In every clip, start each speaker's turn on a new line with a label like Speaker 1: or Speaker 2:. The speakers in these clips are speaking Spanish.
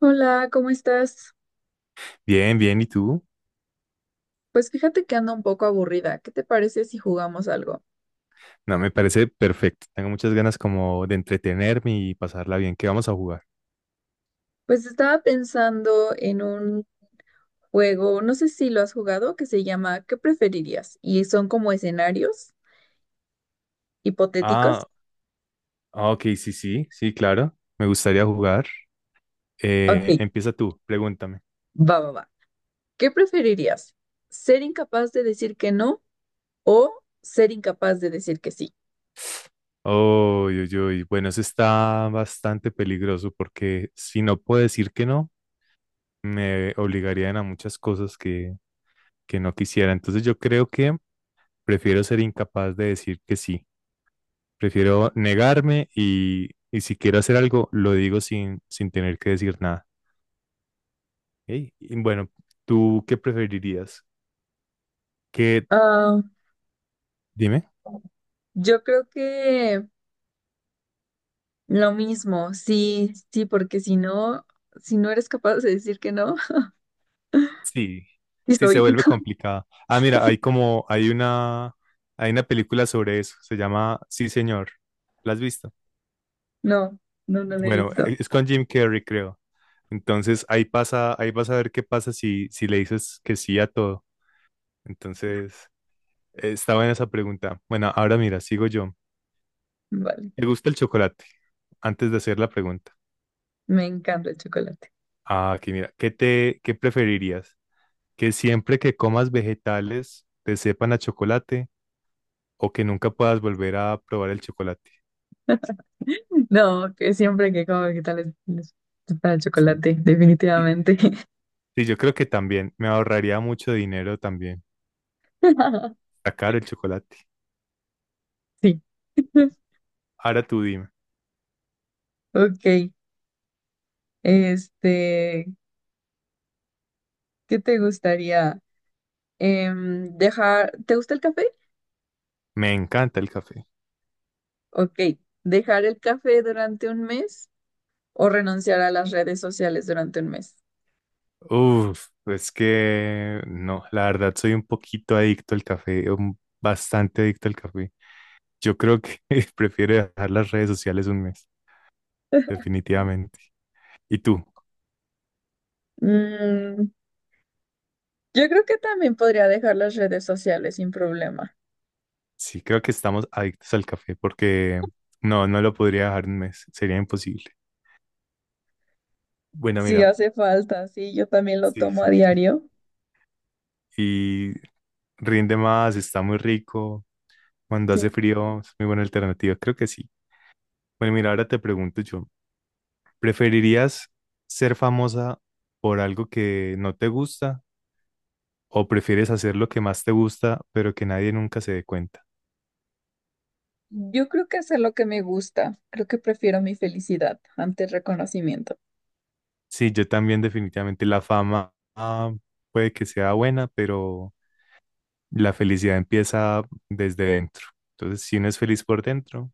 Speaker 1: Hola, ¿cómo estás?
Speaker 2: Bien, bien, ¿y tú?
Speaker 1: Pues fíjate que ando un poco aburrida. ¿Qué te parece si jugamos algo?
Speaker 2: No, me parece perfecto. Tengo muchas ganas como de entretenerme y pasarla bien. ¿Qué vamos a jugar?
Speaker 1: Pues estaba pensando en un juego, no sé si lo has jugado, que se llama ¿Qué preferirías? Y son como escenarios hipotéticos.
Speaker 2: Ah, ah, ok, sí, sí, sí, claro. Me gustaría jugar.
Speaker 1: Ok,
Speaker 2: Empieza tú, pregúntame.
Speaker 1: va. ¿Qué preferirías? ¿Ser incapaz de decir que no o ser incapaz de decir que sí?
Speaker 2: Oh, uy, uy, uy. Bueno, eso está bastante peligroso porque si no puedo decir que no, me obligarían a muchas cosas que no quisiera. Entonces yo creo que prefiero ser incapaz de decir que sí. Prefiero negarme y si quiero hacer algo, lo digo sin tener que decir nada. Ey, y bueno, ¿tú qué preferirías? ¿Qué?
Speaker 1: Ah,
Speaker 2: Dime.
Speaker 1: yo creo que lo mismo, sí, sí, porque si no, si no eres capaz de decir que no,
Speaker 2: Sí,
Speaker 1: sí
Speaker 2: sí, se
Speaker 1: soy.
Speaker 2: vuelve complicada. Ah, mira, hay una película sobre eso, se llama Sí, señor. ¿La has visto?
Speaker 1: No, no, no lo he
Speaker 2: Bueno,
Speaker 1: visto.
Speaker 2: es con Jim Carrey, creo. Entonces ahí pasa, ahí vas a ver qué pasa si le dices que sí a todo. Entonces, está buena esa pregunta. Bueno, ahora mira, sigo yo.
Speaker 1: Vale,
Speaker 2: ¿Te gusta el chocolate? Antes de hacer la pregunta.
Speaker 1: me encanta el chocolate.
Speaker 2: Ah, aquí mira, ¿qué preferirías? ¿Que siempre que comas vegetales te sepan a chocolate o que nunca puedas volver a probar el chocolate?
Speaker 1: No, que siempre que como vegetales les para el
Speaker 2: Sí,
Speaker 1: chocolate,
Speaker 2: sí,
Speaker 1: definitivamente.
Speaker 2: sí, yo creo que también me ahorraría mucho dinero también. Está caro el chocolate.
Speaker 1: Sí.
Speaker 2: Ahora tú dime.
Speaker 1: Ok, este, ¿qué te gustaría? Dejar, ¿te gusta el café?
Speaker 2: Me encanta el café.
Speaker 1: Ok, ¿dejar el café durante un mes o renunciar a las redes sociales durante un mes?
Speaker 2: Uf, es que no, la verdad soy un poquito adicto al café, bastante adicto al café. Yo creo que prefiero dejar las redes sociales un mes, definitivamente. ¿Y tú?
Speaker 1: Mm, yo creo que también podría dejar las redes sociales sin problema.
Speaker 2: Sí, creo que estamos adictos al café porque no, no lo podría dejar un mes, sería imposible. Bueno,
Speaker 1: Sí
Speaker 2: mira,
Speaker 1: hace falta, sí, yo también lo
Speaker 2: sí,
Speaker 1: tomo
Speaker 2: sí.
Speaker 1: a diario.
Speaker 2: Y rinde más, está muy rico, cuando
Speaker 1: Sí.
Speaker 2: hace frío es muy buena alternativa, creo que sí. Bueno, mira, ahora te pregunto yo, ¿preferirías ser famosa por algo que no te gusta o prefieres hacer lo que más te gusta pero que nadie nunca se dé cuenta?
Speaker 1: Yo creo que hacer lo que me gusta, creo que prefiero mi felicidad ante el reconocimiento.
Speaker 2: Sí, yo también definitivamente la fama puede que sea buena, pero la felicidad empieza desde dentro. Entonces, si uno es feliz por dentro,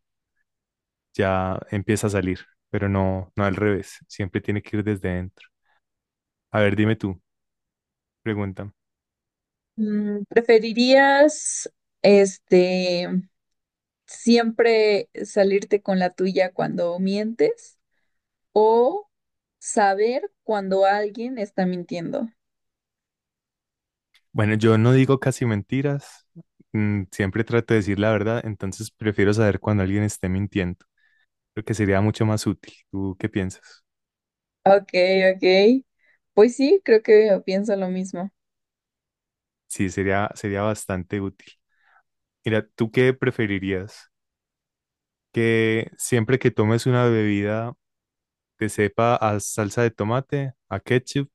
Speaker 2: ya empieza a salir, pero no, no al revés. Siempre tiene que ir desde dentro. A ver, dime tú, pregunta.
Speaker 1: Mm, ¿preferirías, este, siempre salirte con la tuya cuando mientes o saber cuando alguien está mintiendo?
Speaker 2: Bueno, yo no digo casi mentiras. Siempre trato de decir la verdad, entonces prefiero saber cuando alguien esté mintiendo. Creo que sería mucho más útil. ¿Tú qué piensas?
Speaker 1: Ok, ok. Pues sí, creo que pienso lo mismo.
Speaker 2: Sí, sería bastante útil. Mira, ¿tú qué preferirías? ¿Que siempre que tomes una bebida te sepa a salsa de tomate, a ketchup,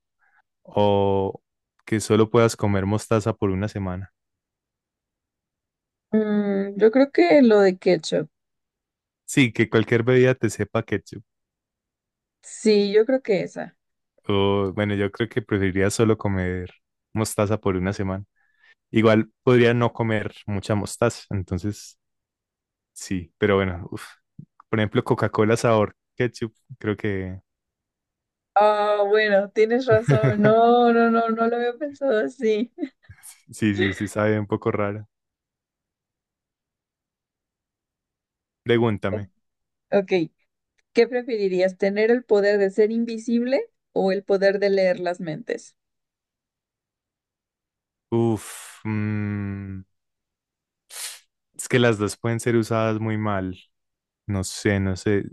Speaker 2: o que solo puedas comer mostaza por una semana?
Speaker 1: Mm, yo creo que lo de ketchup.
Speaker 2: Sí, que cualquier bebida te sepa ketchup.
Speaker 1: Sí, yo creo que esa.
Speaker 2: O bueno, yo creo que preferiría solo comer mostaza por una semana. Igual podría no comer mucha mostaza, entonces sí, pero bueno, uf. Por ejemplo, Coca-Cola sabor ketchup, creo que
Speaker 1: Ah, bueno, tienes razón. No, no, no, no lo había pensado así.
Speaker 2: sí, sí, sí sabe un poco raro. Pregúntame.
Speaker 1: Ok, ¿qué preferirías? ¿Tener el poder de ser invisible o el poder de leer las mentes?
Speaker 2: Uf, es que las dos pueden ser usadas muy mal. No sé, no sé.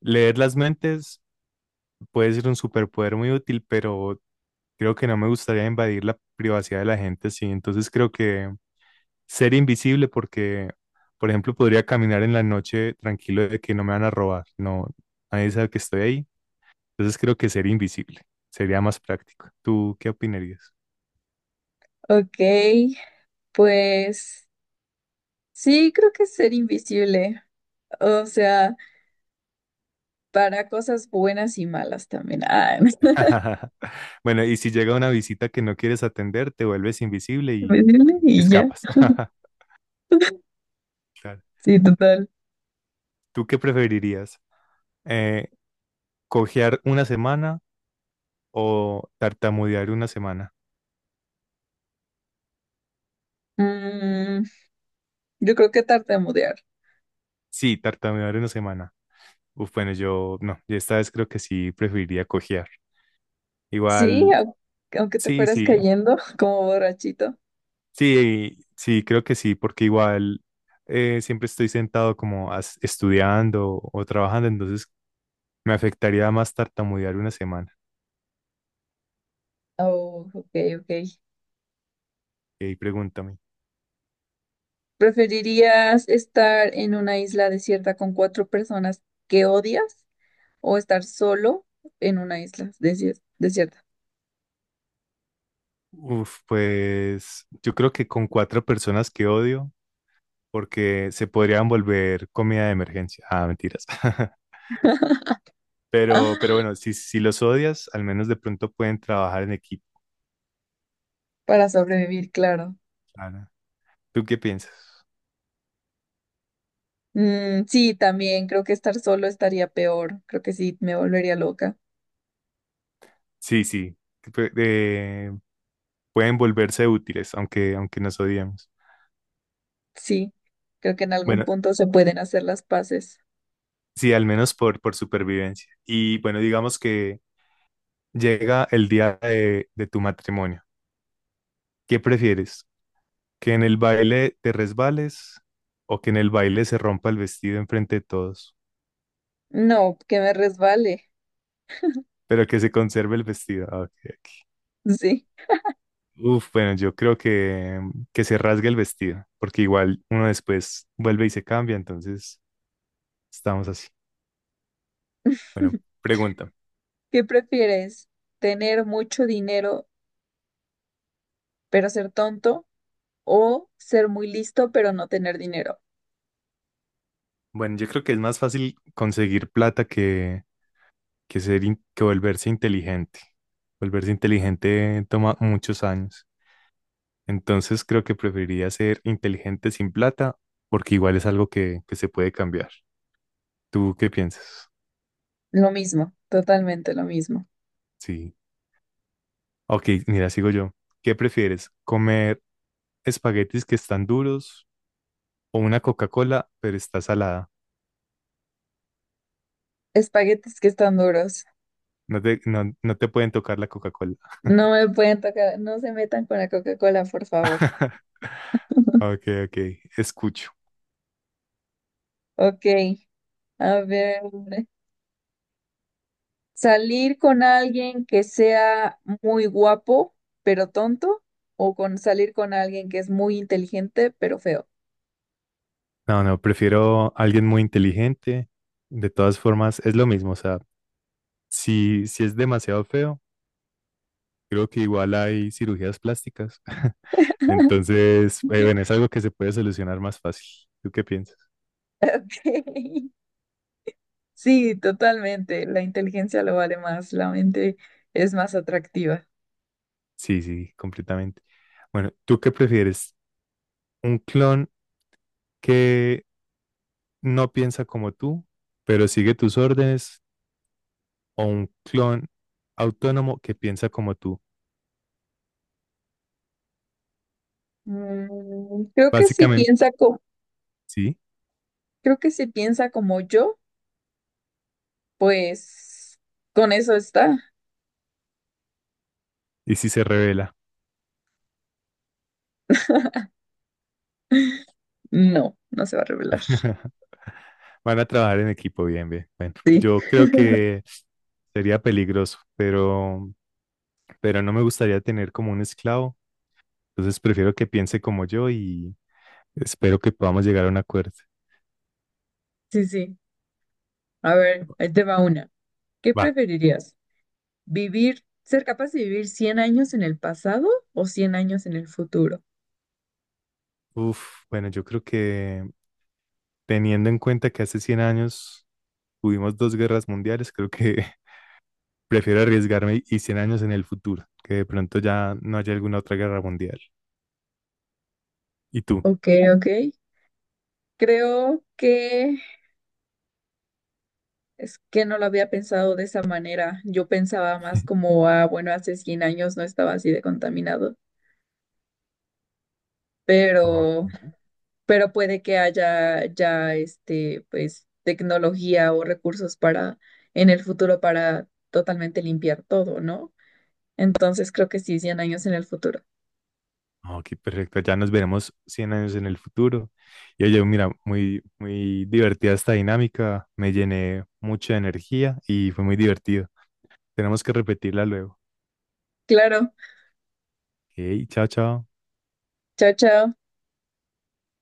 Speaker 2: Leer las mentes puede ser un superpoder muy útil, pero creo que no me gustaría invadir la privacidad de la gente, sí. Entonces creo que ser invisible porque, por ejemplo, podría caminar en la noche tranquilo de que no me van a robar. No, nadie sabe que estoy ahí. Entonces creo que ser invisible sería más práctico. ¿Tú qué opinarías?
Speaker 1: Ok, pues sí, creo que ser invisible. O sea, para cosas buenas y malas también. Ah,
Speaker 2: Bueno, y si llega una visita que no quieres atender, te vuelves invisible y
Speaker 1: invisible y ya.
Speaker 2: escapas. Claro.
Speaker 1: Sí, total.
Speaker 2: ¿Tú qué preferirías? Eh, ¿cojear una semana o tartamudear una semana?
Speaker 1: Mm, yo creo que tartamudear.
Speaker 2: Sí, tartamudear una semana. Uf, bueno, yo no, yo esta vez creo que sí preferiría cojear.
Speaker 1: Sí,
Speaker 2: Igual,
Speaker 1: aunque te
Speaker 2: sí,
Speaker 1: fueras
Speaker 2: sí,
Speaker 1: cayendo como borrachito.
Speaker 2: sí, sí, creo que sí, porque igual siempre estoy sentado como estudiando o trabajando, entonces me afectaría más tartamudear una semana.
Speaker 1: Oh, ok, ok.
Speaker 2: Y ahí pregúntame.
Speaker 1: ¿Preferirías estar en una isla desierta con cuatro personas que odias o estar solo en una isla desierta?
Speaker 2: Uf, pues yo creo que con cuatro personas que odio, porque se podrían volver comida de emergencia. Ah, mentiras. Pero
Speaker 1: ¡Ah!
Speaker 2: bueno, si los odias, al menos de pronto pueden trabajar en equipo.
Speaker 1: Para sobrevivir, claro.
Speaker 2: Ana. ¿Tú qué piensas?
Speaker 1: Mm, sí, también creo que estar solo estaría peor. Creo que sí, me volvería loca.
Speaker 2: Sí, sí, que pueden volverse útiles, aunque nos odiemos.
Speaker 1: Sí, creo que en algún
Speaker 2: Bueno,
Speaker 1: punto se pueden hacer las paces.
Speaker 2: sí, al menos por supervivencia. Y bueno, digamos que llega el día de tu matrimonio. ¿Qué prefieres? ¿Que en el baile te resbales o que en el baile se rompa el vestido enfrente de todos?
Speaker 1: No, que me resbale.
Speaker 2: Pero que se conserve el vestido. Ah, ok.
Speaker 1: Sí.
Speaker 2: Uf, bueno, yo creo que se rasgue el vestido, porque igual uno después vuelve y se cambia, entonces estamos así. Bueno, pregunta.
Speaker 1: ¿Qué prefieres? ¿Tener mucho dinero pero ser tonto o ser muy listo pero no tener dinero?
Speaker 2: Bueno, yo creo que es más fácil conseguir plata que volverse inteligente. Volverse inteligente toma muchos años. Entonces creo que preferiría ser inteligente sin plata, porque igual es algo que se puede cambiar. ¿Tú qué piensas?
Speaker 1: Lo mismo, totalmente lo mismo.
Speaker 2: Sí. Ok, mira, sigo yo. ¿Qué prefieres? ¿Comer espaguetis que están duros o una Coca-Cola, pero está salada?
Speaker 1: Espaguetis que están duros.
Speaker 2: No te pueden tocar la Coca-Cola.
Speaker 1: No me pueden tocar, no se metan con la Coca-Cola, por favor.
Speaker 2: Ok, ok, escucho.
Speaker 1: Ok, a ver. ¿Salir con alguien que sea muy guapo, pero tonto? ¿O con salir con alguien que es muy inteligente, pero feo?
Speaker 2: No, no, prefiero alguien muy inteligente. De todas formas, es lo mismo. O sea, si es demasiado feo, creo que igual hay cirugías plásticas. Entonces, bueno, es algo que se puede solucionar más fácil. ¿Tú qué piensas?
Speaker 1: Ok. Sí, totalmente. La inteligencia lo vale más, la mente es más atractiva.
Speaker 2: Sí, sí, completamente. Bueno, ¿tú qué prefieres? ¿Un clon que no piensa como tú pero sigue tus órdenes, o un clon autónomo que piensa como tú?
Speaker 1: Mm,
Speaker 2: Básicamente, sí.
Speaker 1: creo que si piensa como yo. Pues con eso está.
Speaker 2: Y si se revela,
Speaker 1: No, no se va a revelar.
Speaker 2: van a trabajar en equipo bien, bien. Bueno,
Speaker 1: Sí,
Speaker 2: yo creo que sería peligroso, pero no me gustaría tener como un esclavo. Entonces prefiero que piense como yo y espero que podamos llegar a un acuerdo.
Speaker 1: sí, sí. A ver, ahí te va una. ¿Qué
Speaker 2: Va.
Speaker 1: preferirías? Ser capaz de vivir 100 años en el pasado o 100 años en el futuro?
Speaker 2: Uf, bueno, yo creo que teniendo en cuenta que hace 100 años tuvimos dos guerras mundiales, creo que prefiero arriesgarme y 100 años en el futuro, que de pronto ya no haya alguna otra guerra mundial. ¿Y tú?
Speaker 1: Ok, ok. Creo que es que no lo había pensado de esa manera. Yo pensaba más como, ah, bueno, hace 100 años no estaba así de contaminado,
Speaker 2: Ok,
Speaker 1: pero puede que haya ya pues, tecnología o recursos para en el futuro para totalmente limpiar todo, ¿no? Entonces creo que sí, 100 años en el futuro.
Speaker 2: ok, perfecto. Ya nos veremos 100 años en el futuro. Y oye, mira, muy, muy divertida esta dinámica. Me llené mucha energía y fue muy divertido. Tenemos que repetirla luego.
Speaker 1: Claro,
Speaker 2: Ok, chao, chao.
Speaker 1: chao, chao.